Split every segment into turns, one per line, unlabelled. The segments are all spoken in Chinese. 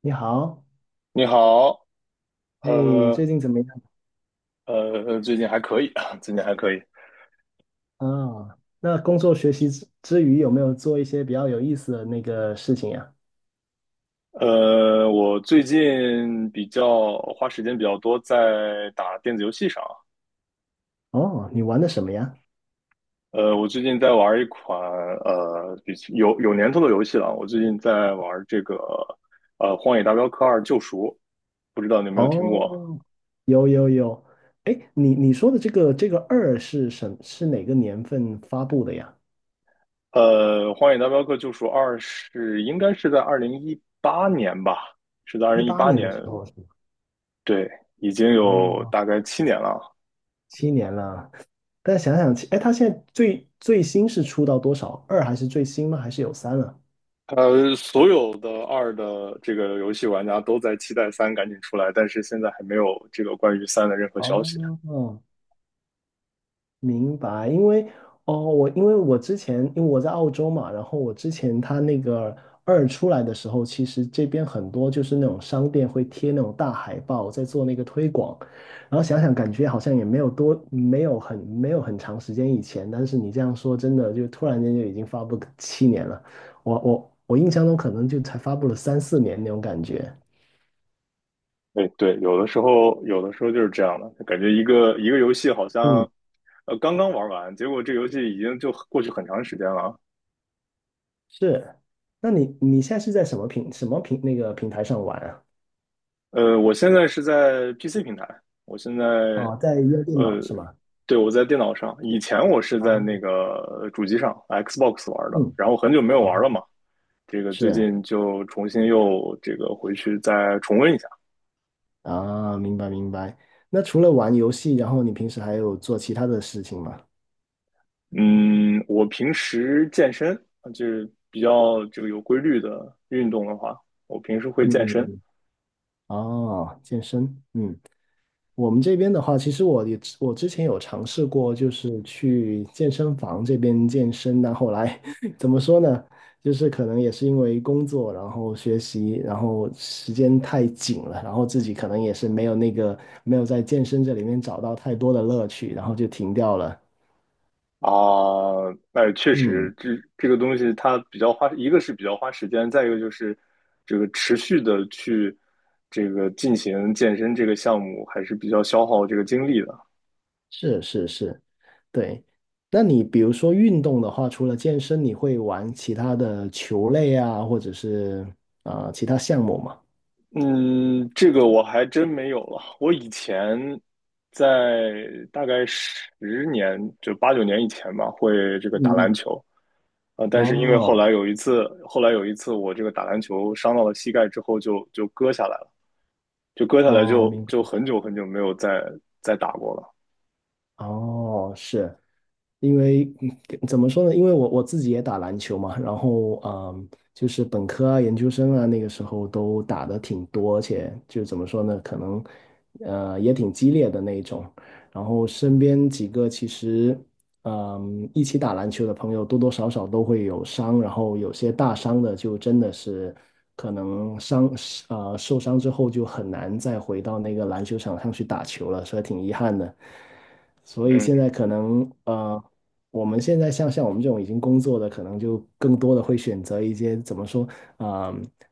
你好，
你好，
哎，
呃
最近怎么样
最近还可以啊，最近还可以。
啊？那工作学习之余，有没有做一些比较有意思的那个事情呀？
我最近比较花时间比较多在打电子游戏上。
哦，你玩的什么呀？
我最近在玩一款比有年头的游戏了。我最近在玩这个《荒野大镖客二：救赎》，不知道你有没有听过？
哦，有有有，哎，你说的这个这个二是是哪个年份发布的呀？
荒野大镖客：救赎二》应该是在二零一八年吧，是在二
一
零一
八
八
年的
年，
时候是吗？
对，已经
哦，
有大概7年了。
七年了。但想想，哎，它现在最新是出到多少？二还是最新吗？还是有三了？
所有的二的这个游戏玩家都在期待三赶紧出来，但是现在还没有这个关于三的任何消息。
哦，明白，哦，我因为我之前因为我在澳洲嘛，然后我之前他那个二出来的时候，其实这边很多就是那种商店会贴那种大海报在做那个推广，然后想想感觉好像也没有多没有很长时间以前，但是你这样说真的就突然间就已经发布个七年了，我印象中可能就才发布了三四年那种感觉。
对对，有的时候就是这样的，感觉一个一个游戏好
嗯，
像刚刚玩完，结果这游戏已经就过去很长时间了。
是，那你现在是在什么平什么平那个平台上玩啊？
我现在是在 PC 平台，我现在
哦，在用电脑
呃
是吗？
对，我在电脑上，以前我是在
哦，
那个主机上 Xbox 玩的，
嗯，
然后很久没有
哦，
玩了嘛，这个最
是
近就重新又这个回去再重温一下。
啊，明白明白。那除了玩游戏，然后你平时还有做其他的事情吗？
嗯，我平时健身就是比较这个有规律的运动的话，我平时会健
嗯嗯
身
嗯。哦，健身，嗯，我们这边的话，其实我之前有尝试过，就是去健身房这边健身，但后来 怎么说呢？就是可能也是因为工作，然后学习，然后时间太紧了，然后自己可能也是没有在健身这里面找到太多的乐趣，然后就停掉了。
啊。那确
嗯。
实，这个东西它比较花，一个是比较花时间，再一个就是这个持续的去这个进行健身这个项目还是比较消耗这个精力的。
是是是，对。那你比如说运动的话，除了健身，你会玩其他的球类啊，或者是其他项目吗？
嗯，这个我还真没有了。我以前在大概10年，就8、9年以前吧，会这个打
嗯
篮
嗯。
球啊，但是因为后
哦
来有一次，后来有一次我这个打篮球伤到了膝盖之后就割下来了，就割下来
哦，
就
明
就
白。
很久很久没有再打过了。
哦，是因为嗯怎么说呢？因为我自己也打篮球嘛，然后嗯，就是本科啊、研究生啊，那个时候都打的挺多，而且就怎么说呢，可能也挺激烈的那一种。然后身边几个其实嗯一起打篮球的朋友，多多少少都会有伤，然后有些大伤的就真的是可能伤受伤之后就很难再回到那个篮球场上去打球了，所以挺遗憾的。所以现
嗯
在可能我们现在像我们这种已经工作的，可能就更多的会选择一些怎么说，啊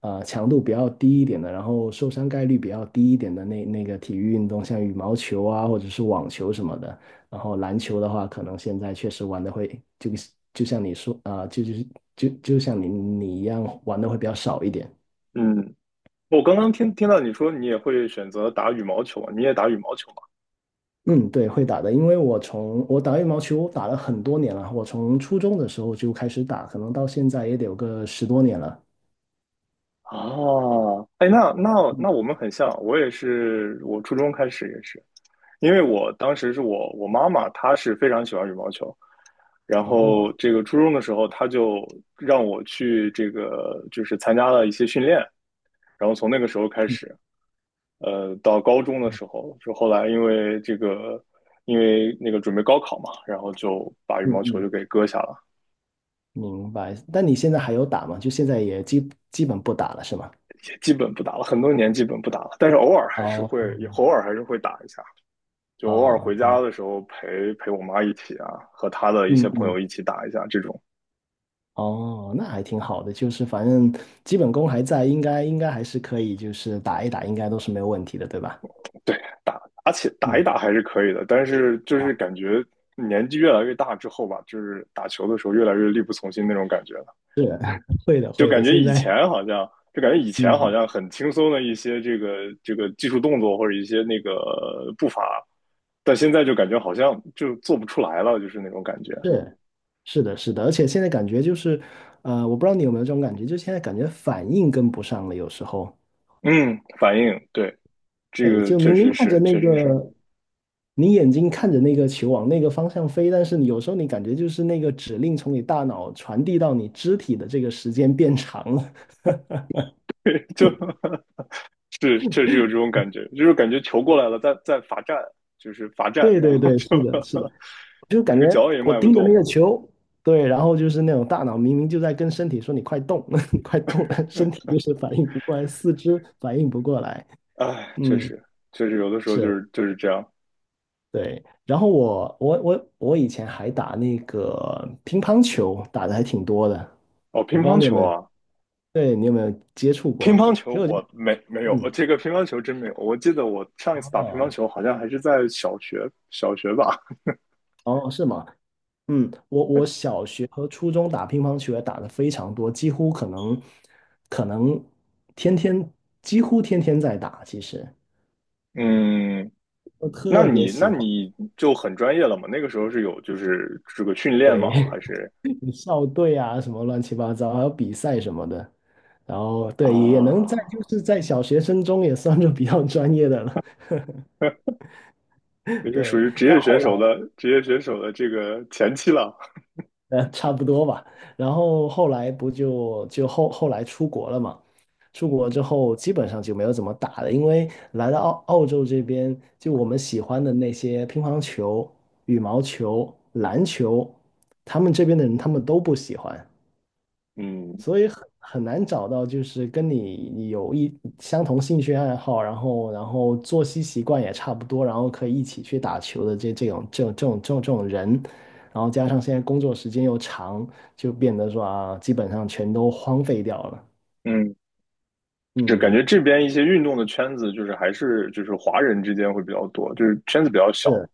强度比较低一点的，然后受伤概率比较低一点的那个体育运动，像羽毛球啊，或者是网球什么的。然后篮球的话，可能现在确实玩的会像你说就就是就就像你一样玩的会比较少一点。
嗯，我刚刚听到你说你也会选择打羽毛球啊，你也打羽毛球吗？
嗯，对，会打的，因为我打羽毛球打了很多年了，我从初中的时候就开始打，可能到现在也得有个十多年了。
哦，哎，那那
嗯，
那我们很像，我也是，我初中开始也是。因为我当时是我妈妈，她是非常喜欢羽毛球，然后
哦，
这个初中的时候，她就让我去这个就是参加了一些训练，然后从那个时候开
嗯
始，到高中的时候，就后来因为那个准备高考嘛，然后就把羽
嗯
毛球就
嗯，
给搁下了，
明白。但你现在还有打吗？就现在也基本不打了，是吗？
也基本不打了，很多年基本不打了，但是
哦，
偶尔还是会打一下，就偶尔
哦，
回
明白。
家的时候陪陪我妈一起啊，和她的一
嗯
些朋友
嗯，
一起打一下这种。
哦，那还挺好的，就是反正基本功还在，应该还是可以，就是打一打，应该都是没有问题的，对吧？
对，打，而且打一
嗯，
打还是可以的，但是就是感觉年纪越来越大之后吧，就是打球的时候越来越力不从心那种感觉了，
是，会的会的，现在
就感觉以前好
嗯。
像很轻松的一些这个技术动作或者一些那个步伐，但现在就感觉好像就做不出来了，就是那种感觉。
是，是的，是的，而且现在感觉就是，我不知道你有没有这种感觉，就现在感觉反应跟不上了，有时候，
嗯，反应，对，这
对，
个
就
确
明明
实
看着
是，
那
确实是，
个，你眼睛看着那个球往那个方向飞，但是你有时候你感觉就是那个指令从你大脑传递到你肢体的这个时间变长了。
就 是确实有这种感觉，就是感觉球过来了，在罚站，就是罚 站，
对
然
对
后
对，
就
是的，是的，就感
这个
觉
脚也
我
迈不
盯着那个
动。
球，对，然后就是那种大脑明明就在跟身体说你快动，你快动，但身体就是反应不过来，四肢反应不过来，
哎，确
嗯。
实，确实有的时候就
是。
是就是这样。
对，然后我以前还打那个乒乓球，打的还挺多的。
哦，
我
乒
不知道
乓
你有
球
没有，
啊，
对你有没有接触
乒
过？
乓
其
球
实我就，
我没有，
嗯，
这个乒乓球真没有。我记得我上一次打乒乓
哦
球好像还是在小学，小学吧。
哦，是吗？嗯，我我小学和初中打乒乓球也打的非常多，可能天天几乎天天在打，其实
嗯，
我
那
特别
你那
喜欢。
你就很专业了嘛？那个时候是有就是这个训练吗？
对。
还是
校队啊，什么乱七八糟，还有比赛什么的。然后对，也能在
啊，
就是在小学生中也算是比较专业的了，
也是属
对。
于职
但
业选
后
手
来
的职业选手的这个前期了。
差不多吧，然后后来不就就后后来出国了嘛，出国之后基本上就没有怎么打了，因为来到澳洲这边，就我们喜欢的那些乒乓球、羽毛球、篮球，他们这边的人他们都不喜欢，
嗯
所以很难找到就是跟你有一相同兴趣爱好，然后作息习惯也差不多，然后可以一起去打球的这种人，然后加上现在工作时间又长，就变得说啊，基本上全都荒废掉了。
嗯，就感
嗯，
觉这边一些运动的圈子，就是还是就是华人之间会比较多，就是圈子比较小。
是，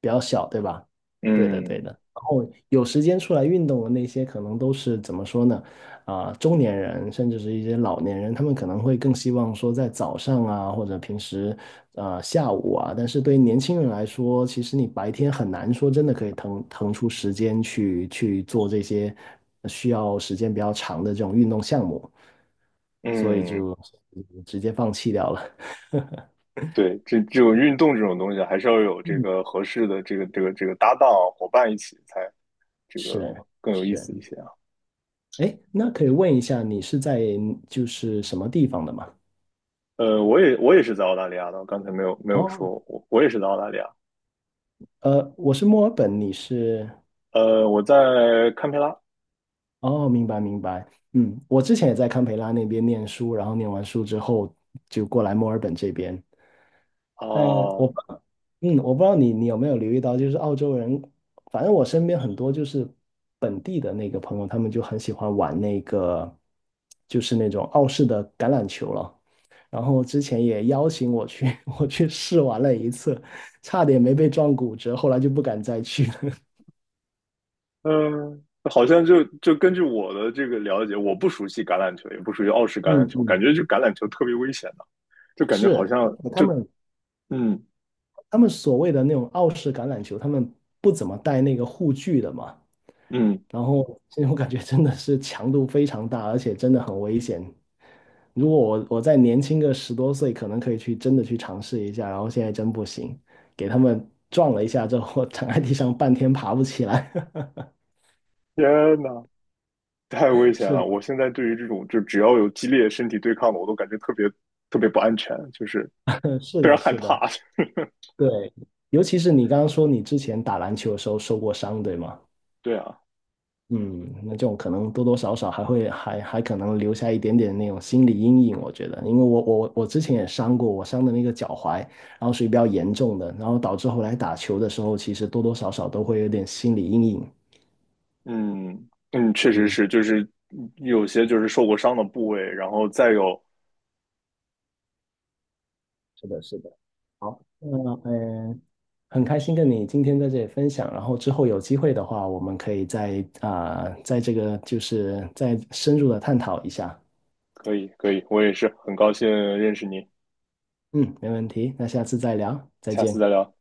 比较小，对吧？对的，对的。
嗯
然后有时间出来运动的那些，可能都是怎么说呢？啊、中年人甚至是一些老年人，他们可能会更希望说在早上啊，或者平时下午啊。但是对于年轻人来说，其实你白天很难说真的可以腾出时间去去做这些需要时间比较长的这种运动项目，所以
嗯，
就直接放弃掉了。
对，这种运动这种东西，还是要有这
嗯，
个合适的这个搭档啊伙伴一起，才 这个
是
更有意
是。
思一些啊。
哎，那可以问一下，你是在就是什么地方的吗？
我也是在澳大利亚的，我刚才没有说，
哦，
我也是在澳大利亚。
我是墨尔本，你是？
我在堪培拉
哦，明白明白。嗯，我之前也在堪培拉那边念书，然后念完书之后就过来墨尔本这边。但我
啊，
不嗯，我不知道你有没有留意到，就是澳洲人，反正我身边很多就是本地的那个朋友，他们就很喜欢玩那个，就是那种澳式的橄榄球了。然后之前也邀请我去，我去试玩了一次，差点没被撞骨折，后来就不敢再去了。
嗯。好像就根据我的这个了解，我不熟悉橄榄球，也不熟悉澳式橄榄
嗯
球，感
嗯，
觉就橄榄球特别危险。就感觉好
是，而
像，
且
嗯
他们所谓的那种澳式橄榄球，他们不怎么带那个护具的嘛。
嗯，
然后这种感觉真的是强度非常大，而且真的很危险。如果我再年轻个十多岁，可能可以去真的去尝试一下，然后现在真不行，给他们撞了一下之后，躺在地上半天爬不起来。
天呐，太危险
是
了！
的，
我现在对于这种就只要有激烈身体对抗的，我都感觉特别特别不安全，就是
是
非常
的，
害
是的，
怕。
对，尤其是你刚刚说你之前打篮球的时候受过伤，对吗？
对啊，
嗯，那这种可能多多少少还还可能留下一点点那种心理阴影，我觉得，因为我我之前也伤过，我伤的那个脚踝，然后属于比较严重的，然后导致后来打球的时候，其实多多少少都会有点心理阴影。
嗯嗯，确实
嗯，
是，就是有些就是受过伤的部位，然后再有，
是的，是的。好，那很开心跟你今天在这里分享，然后之后有机会的话，我们可以再在这个就是再深入的探讨一下。
可以可以，我也是很高兴认识你，
嗯，没问题，那下次再聊，再
下次
见。
再聊。